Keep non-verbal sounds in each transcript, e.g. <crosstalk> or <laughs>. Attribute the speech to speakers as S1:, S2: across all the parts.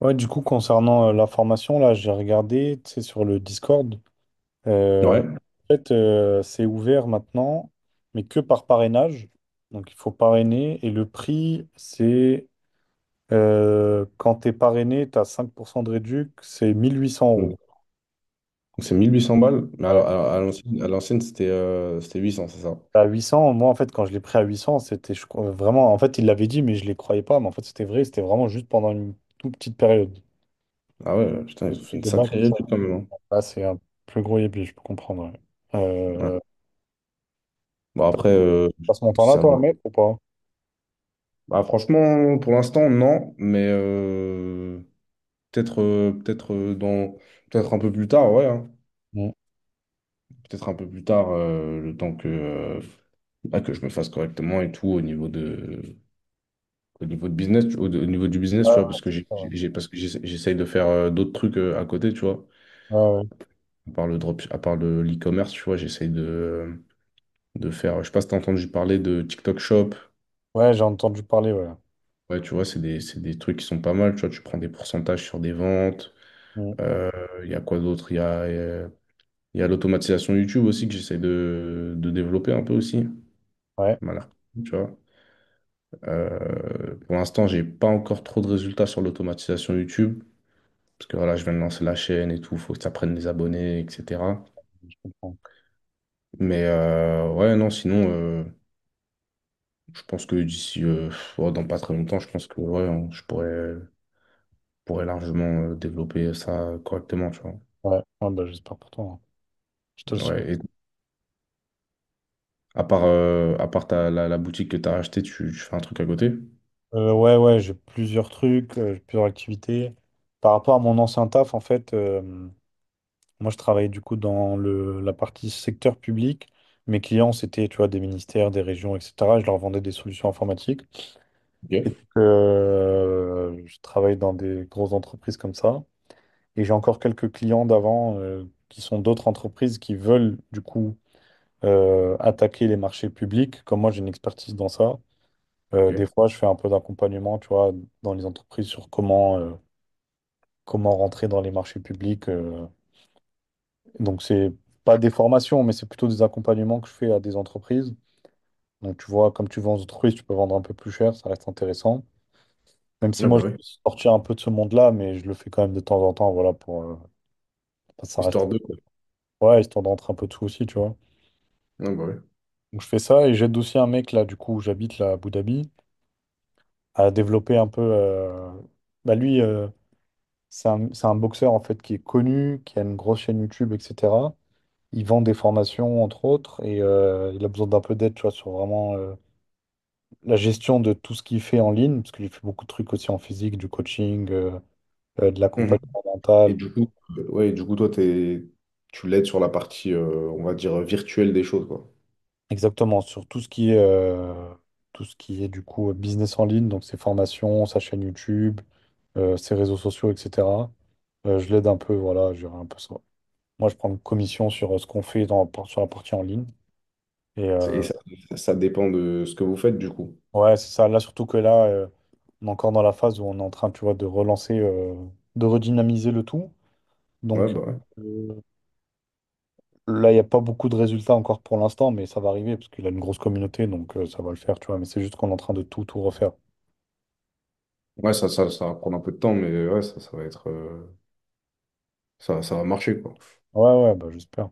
S1: Ouais, du coup, concernant la formation, là, j'ai regardé, tu sais, sur le Discord. Euh,
S2: Ouais,
S1: en fait, c'est ouvert maintenant, mais que par parrainage. Donc, il faut parrainer. Et le prix, c'est quand tu es parrainé, tu as 5% de réduc, c'est 1800
S2: donc
S1: euros.
S2: donc c'est 1 800 balles, mais à,
S1: Ouais.
S2: à- à l'ancienne, c'était 800, c'est ça?
S1: À 800 moi, en fait, quand je l'ai pris à 800 c'était je crois, vraiment. En fait, il l'avait dit, mais je ne les croyais pas. Mais en fait, c'était vrai, c'était vraiment juste pendant une toute petite période.
S2: Ah ouais, putain,
S1: Le
S2: ils ont fait
S1: prix
S2: une
S1: de base,
S2: sacrée
S1: c'est ça.
S2: réduction quand même, hein.
S1: Là, c'est un plus gros yébi, je peux comprendre. Ouais.
S2: Ouais.
S1: Euh,
S2: Bon,
S1: T'as
S2: après,
S1: t'as ce
S2: si
S1: montant-là,
S2: ça
S1: toi,
S2: vaut
S1: à
S2: le-
S1: mettre ou pas?
S2: bah, franchement, pour l'instant, non, mais peut-être euh, peut-être euh, dans... peut-être un peu plus tard, ouais, hein.
S1: Mm.
S2: Peut-être un peu plus tard, le temps que, bah, que je me fasse correctement et tout au niveau de business, au niveau du business,
S1: Ouais,
S2: tu vois, parce que
S1: ouais, ouais.
S2: j'essaye de faire d'autres trucs à côté, tu vois.
S1: Ouais, ouais.
S2: À part le drop, à part le l'e-commerce, tu vois, j'essaye de faire. Je sais pas si t'as entendu parler de TikTok Shop.
S1: Ouais, j'ai entendu parler, ouais.
S2: Ouais, tu vois, c'est des trucs qui sont pas mal. Tu vois, tu prends des pourcentages sur des ventes.
S1: Mm.
S2: Euh, Il y a quoi d'autre? Il y a l'automatisation YouTube aussi que j'essaie de développer un peu aussi.
S1: Ouais,
S2: Voilà. Tu vois. Pour l'instant, j'ai pas encore trop de résultats sur l'automatisation YouTube. Parce que voilà, je viens de lancer la chaîne et tout, faut que ça prenne des abonnés, etc.
S1: je comprends.
S2: Mais ouais, non, sinon. Je pense que d'ici, oh, dans pas très longtemps, je pense que ouais, je pourrais largement développer ça correctement, tu vois.
S1: Ouais, ouais, bah, j'espère pour toi. Hein. Je te le souhaite.
S2: Ouais, et à part la boutique que tu as achetée, tu fais un truc à côté?
S1: Ouais, ouais, j'ai plusieurs trucs, j'ai plusieurs activités. Par rapport à mon ancien taf, en fait, moi, je travaillais du coup dans le, la partie secteur public. Mes clients, c'était, tu vois, des ministères, des régions, etc. Je leur vendais des solutions informatiques. Et donc,
S2: Ok,
S1: je travaille dans des grosses entreprises comme ça. Et j'ai encore quelques clients d'avant qui sont d'autres entreprises qui veulent du coup attaquer les marchés publics. Comme moi, j'ai une expertise dans ça. Des
S2: ok.
S1: fois, je fais un peu d'accompagnement, tu vois, dans les entreprises sur comment rentrer dans les marchés publics. Donc, c'est pas des formations, mais c'est plutôt des accompagnements que je fais à des entreprises. Donc, tu vois, comme tu vends aux entreprises, tu peux vendre un peu plus cher, ça reste intéressant. Même si
S2: Ah
S1: moi,
S2: bah
S1: je
S2: oui,
S1: veux sortir un peu de ce monde-là, mais je le fais quand même de temps en temps, voilà, pour ça reste.
S2: histoire de quoi.
S1: Ouais, histoire d'entrer un peu de tout aussi, tu vois.
S2: Ah bah oui.
S1: Donc je fais ça et j'aide aussi un mec là, du coup, où j'habite là à Abu Dhabi, à développer un peu. Bah, lui, c'est un boxeur en fait qui est connu, qui a une grosse chaîne YouTube, etc. Il vend des formations entre autres et il a besoin d'un peu d'aide, tu vois, sur vraiment la gestion de tout ce qu'il fait en ligne, parce qu'il fait beaucoup de trucs aussi en physique, du coaching, de
S2: Mhm.
S1: l'accompagnement
S2: Et
S1: mental.
S2: du coup, ouais, et du coup, toi, tu l'aides sur la partie, on va dire, virtuelle des choses, quoi.
S1: Exactement, sur tout ce qui est, tout ce qui est du coup business en ligne, donc ses formations, sa chaîne YouTube, ses réseaux sociaux, etc. Je l'aide un peu, voilà, je gère un peu ça. Moi, je prends une commission sur ce qu'on fait sur la partie en ligne. Et
S2: Et ça dépend de ce que vous faites, du coup.
S1: ouais, c'est ça. Là, surtout que là, on est encore dans la phase où on est en train, tu vois, de relancer, de redynamiser le tout.
S2: Ouais,
S1: Donc
S2: bah ouais.
S1: euh, là, il n'y a pas beaucoup de résultats encore pour l'instant, mais ça va arriver parce qu'il a une grosse communauté, donc ça va le faire, tu vois. Mais c'est juste qu'on est en train de tout, tout refaire.
S2: Ouais, ça va prendre un peu de temps, mais ouais, ça va être, ça va marcher, quoi.
S1: Ouais, ouais, bah, j'espère.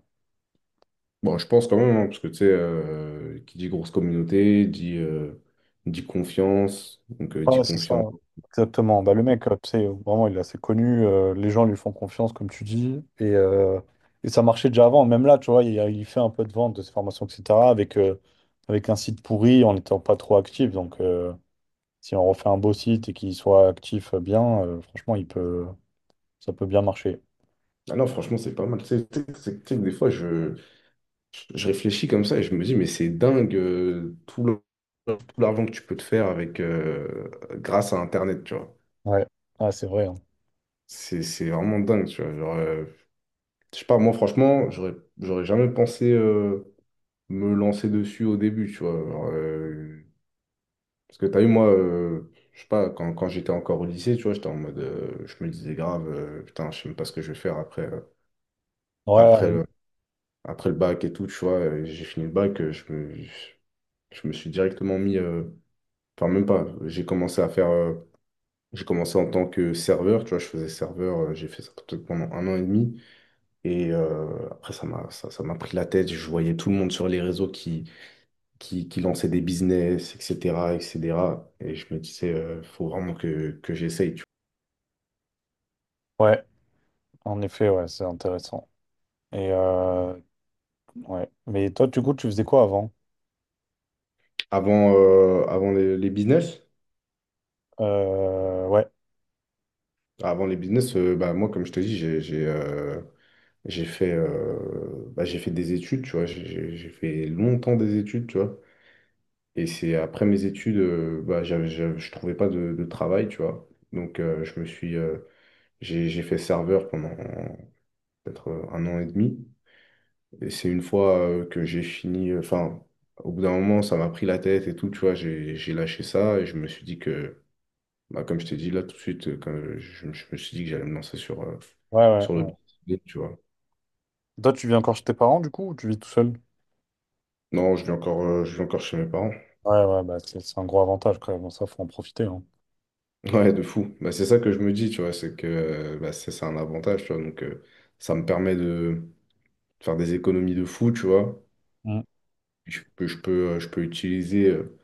S2: Bon, je pense quand même, hein, parce que tu sais, qui dit grosse communauté, dit confiance, donc dit
S1: Ouais, c'est ça.
S2: confiance.
S1: Exactement. Bah, le mec, tu sais, vraiment, il est assez connu. Les gens lui font confiance, comme tu dis. Et ça marchait déjà avant. Même là, tu vois, il fait un peu de vente de ses formations, etc. Avec, euh, avec un site pourri, en n'étant pas trop actif. Donc, si on refait un beau site et qu'il soit actif bien, franchement, il peut, ça peut bien marcher.
S2: Ah non, franchement, c'est pas mal. Tu sais que des fois, je réfléchis comme ça et je me dis, mais c'est dingue tout l'argent que tu peux te faire avec, grâce à Internet, tu vois.
S1: Ouais, ah, c'est vrai. Hein.
S2: C'est vraiment dingue, tu vois. Genre, je sais pas, moi, franchement, j'aurais jamais pensé me lancer dessus au début, tu vois. Genre, parce que t'as vu, moi, je sais pas, quand j'étais encore au lycée, tu vois, j'étais en mode, je me disais grave, putain, je sais même pas ce que je vais faire après, après,
S1: Ouais,
S2: le, après le bac et tout, tu vois, et j'ai fini le bac, je me suis directement mis, enfin, même pas, j'ai commencé en tant que serveur, tu vois, je faisais serveur, j'ai fait ça peut-être pendant un an et demi, et après, ça m'a pris la tête, je voyais tout le monde sur les réseaux qui lançaient des business, etc., etc., et cetera. Et je me disais, faut vraiment que j'essaye, tu vois.
S1: ouais, en effet, ouais, c'est intéressant. Et ouais. Mais toi, du coup, tu faisais quoi avant?
S2: Avant les business,
S1: Ouais,
S2: avant les business, bah, moi, comme je te dis, bah, j'ai fait des études, tu vois. J'ai fait longtemps des études, tu vois. Et c'est après mes études, bah, je trouvais pas de travail, tu vois. Donc, j'ai fait serveur pendant peut-être un an et demi. Et c'est une fois que j'ai fini, enfin, au bout d'un moment, ça m'a pris la tête et tout, tu vois. J'ai lâché ça et je me suis dit que bah, comme je t'ai dit là tout de suite, quand je me suis dit que j'allais me lancer sur, euh,
S1: ouais, ouais.
S2: sur le
S1: Ouais.
S2: business, tu vois.
S1: Toi, tu vis encore chez tes parents, du coup, ou tu vis tout seul?
S2: Non, je vis encore chez mes parents. <laughs>
S1: Ouais, ouais, bah, c'est un gros avantage quand même. Ça, faut en profiter. Hein.
S2: Ouais, de fou. Bah, c'est ça que je me dis, tu vois, c'est que bah, c'est un avantage, tu vois. Donc, ça me permet de faire des économies de fou, tu vois.
S1: Mm.
S2: Je peux, je peux, euh, je peux utiliser, euh,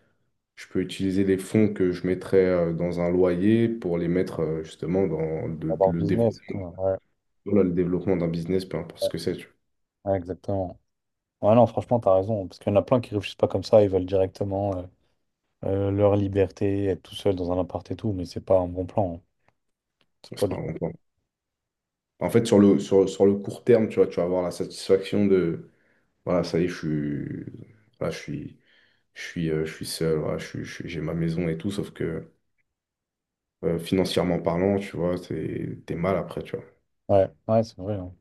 S2: je peux utiliser les fonds que je mettrais dans un loyer pour les mettre justement dans
S1: Avoir le
S2: le
S1: business, tout,
S2: développement,
S1: hein. Ouais,
S2: voilà, le développement d'un business, peu importe
S1: ouais,
S2: ce que c'est, tu vois.
S1: ouais, exactement. Ouais, non, franchement, t'as raison. Parce qu'il y en a plein qui réfléchissent pas comme ça. Ils veulent directement leur liberté, être tout seul dans un appart et tout. Mais c'est pas un bon plan. Hein. C'est pas
S2: Enfin,
S1: le-
S2: on peut En fait, sur le court terme, tu vois, tu vas avoir la satisfaction de, voilà, ça y est, voilà, je suis, je suis seul, voilà, j'ai ma maison et tout, sauf que financièrement parlant, tu vois, t'es mal après, tu vois.
S1: Ouais, ouais, c'est vrai. Hein.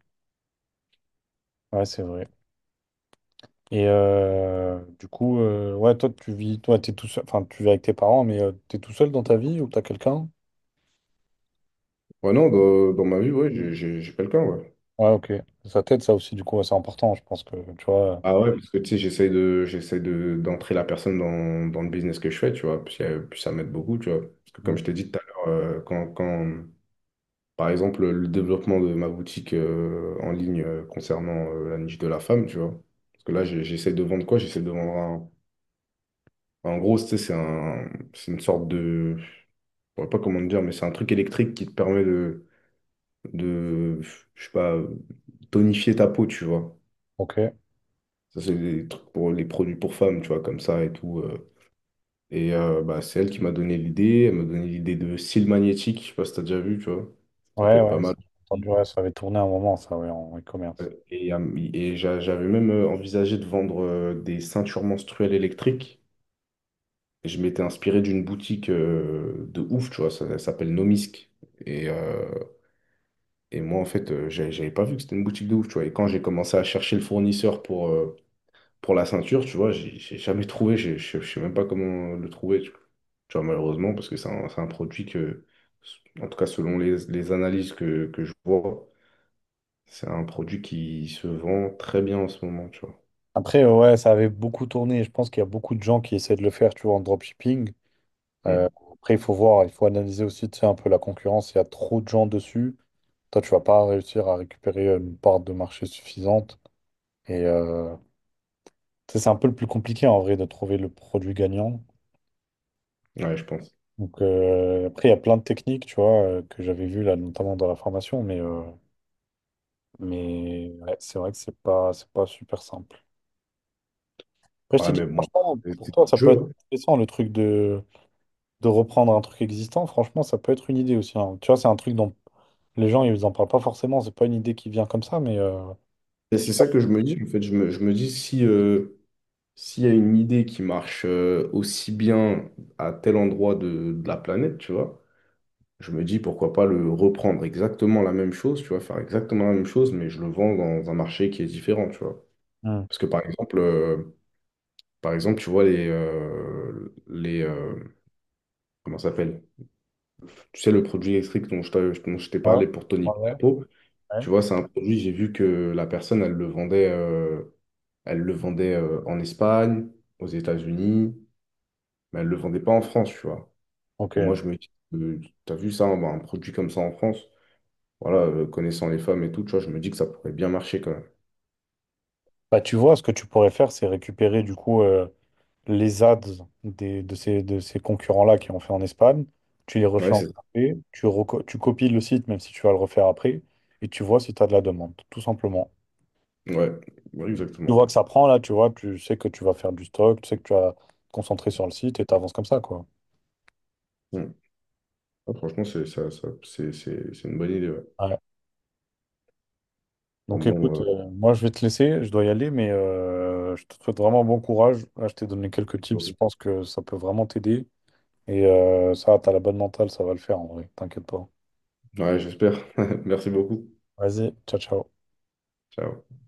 S1: Ouais, c'est vrai. Et du coup, ouais, toi, tu vis, toi, t'es tout seul. Enfin, tu vis avec tes parents, mais tu t'es tout seul dans ta vie ou t'as quelqu'un?
S2: Ouais, non, dans ma vie, ouais, j'ai quelqu'un, ouais.
S1: Ouais, ok. Ça t'aide, ça aussi, du coup, ouais, c'est important. Je pense que, tu vois.
S2: Ah ouais, parce que tu sais, j'essaye d'entrer la personne dans le business que je fais, tu vois, puis ça m'aide beaucoup, tu vois. Parce que comme je t'ai dit tout à l'heure, par exemple, le développement de ma boutique en ligne concernant la niche de la femme, tu vois. Parce que là, j'essaie de vendre quoi? J'essaie de vendre un. En gros, tu sais, c'est un, c'est une sorte de... Je pourrais pas comment te dire, mais c'est un truc électrique qui te permet de, je sais pas, tonifier ta peau, tu vois.
S1: Ok.
S2: Ça, c'est des trucs pour les produits pour femmes, tu vois, comme ça et tout. Et bah, c'est elle qui m'a donné l'idée. Elle m'a donné l'idée de cils magnétiques. Je sais pas si t'as déjà vu, tu vois. Ça peut
S1: Ouais,
S2: être pas
S1: ouais. Ça,
S2: mal.
S1: j'ai entendu, ouais, ça avait tourné un moment, ça, ouais, en e-commerce.
S2: Et, euh, et j'avais même envisagé de vendre des ceintures menstruelles électriques. Et je m'étais inspiré d'une boutique de ouf, tu vois, ça s'appelle Nomisk. Et, euh, et moi, en fait, j'avais pas vu que c'était une boutique de ouf, tu vois. Et quand j'ai commencé à chercher le fournisseur pour la ceinture, tu vois, j'ai jamais trouvé, je sais même pas comment le trouver, tu vois, malheureusement, parce que c'est un produit que, en tout cas, selon les analyses que je vois, c'est un produit qui se vend très bien en ce moment, tu
S1: Après, ouais, ça avait beaucoup tourné. Je pense qu'il y a beaucoup de gens qui essaient de le faire, tu vois, en dropshipping. Euh,
S2: vois.
S1: après, il faut voir, il faut analyser aussi, tu sais, un peu la concurrence. Il y a trop de gens dessus. Toi, tu vas pas réussir à récupérer une part de marché suffisante. Et tu sais, c'est un peu le plus compliqué, en vrai, de trouver le produit gagnant.
S2: Ouais, je pense.
S1: Donc, après, il y a plein de techniques, tu vois, que j'avais vues, là, notamment dans la formation. Mais ouais, c'est vrai que c'est pas super simple. Après, je t'ai
S2: Ouais, mais
S1: dit,
S2: moi,
S1: franchement,
S2: c'est
S1: pour
S2: le
S1: toi, ça peut
S2: jeu,
S1: être
S2: hein.
S1: intéressant le truc de, reprendre un truc existant. Franchement, ça peut être une idée aussi. Hein. Tu vois, c'est un truc dont les gens, ils en parlent pas forcément. C'est pas une idée qui vient comme ça, mais. euh,
S2: Et
S1: je
S2: c'est
S1: sais pas.
S2: ça que je me dis, en fait, je me dis si s'il y a une idée qui marche aussi bien à tel endroit de la planète, tu vois, je me dis pourquoi pas le reprendre exactement la même chose, tu vois, faire exactement la même chose, mais je le vends dans un marché qui est différent, tu vois.
S1: Hmm.
S2: Parce que par exemple, tu vois les comment ça s'appelle? Tu sais le produit électrique dont je t'ai
S1: Ouais,
S2: parlé pour Tony
S1: ouais, ouais.
S2: Capo.
S1: Ouais.
S2: Tu vois, c'est un produit, j'ai vu que la personne, elle le vendait en Espagne, aux États-Unis, mais elle ne le vendait pas en France, tu vois.
S1: Ok.
S2: Et moi, je me dis, t'as vu ça, un produit comme ça en France? Voilà, connaissant les femmes et tout, tu vois, je me dis que ça pourrait bien marcher quand même.
S1: Bah, tu vois, ce que tu pourrais faire, c'est récupérer du coup les ads des, de ces concurrents-là qui ont fait en Espagne. Tu les
S2: Ouais,
S1: refais en
S2: c'est
S1: français. Tu copies le site, même si tu vas le refaire après. Et tu vois si tu as de la demande, tout simplement.
S2: ouais, ouais,
S1: Tu
S2: exactement.
S1: vois que ça prend là, tu vois, tu sais que tu vas faire du stock, tu sais que tu vas te concentrer sur le site et t'avances comme ça, quoi.
S2: Mm. Ah, franchement, c'est c'est une bonne idée. Ouais.
S1: Ouais.
S2: Bon,
S1: Donc écoute,
S2: bon,
S1: moi je vais te laisser, je dois y aller, mais je te souhaite vraiment bon courage. Là, je t'ai donné quelques tips, je
S2: euh,
S1: pense que ça peut vraiment t'aider. Et ça, t'as la bonne mentale, ça va le faire en vrai, t'inquiète pas.
S2: ouais, j'espère. <laughs> Merci beaucoup.
S1: Vas-y, ciao, ciao.
S2: Ciao.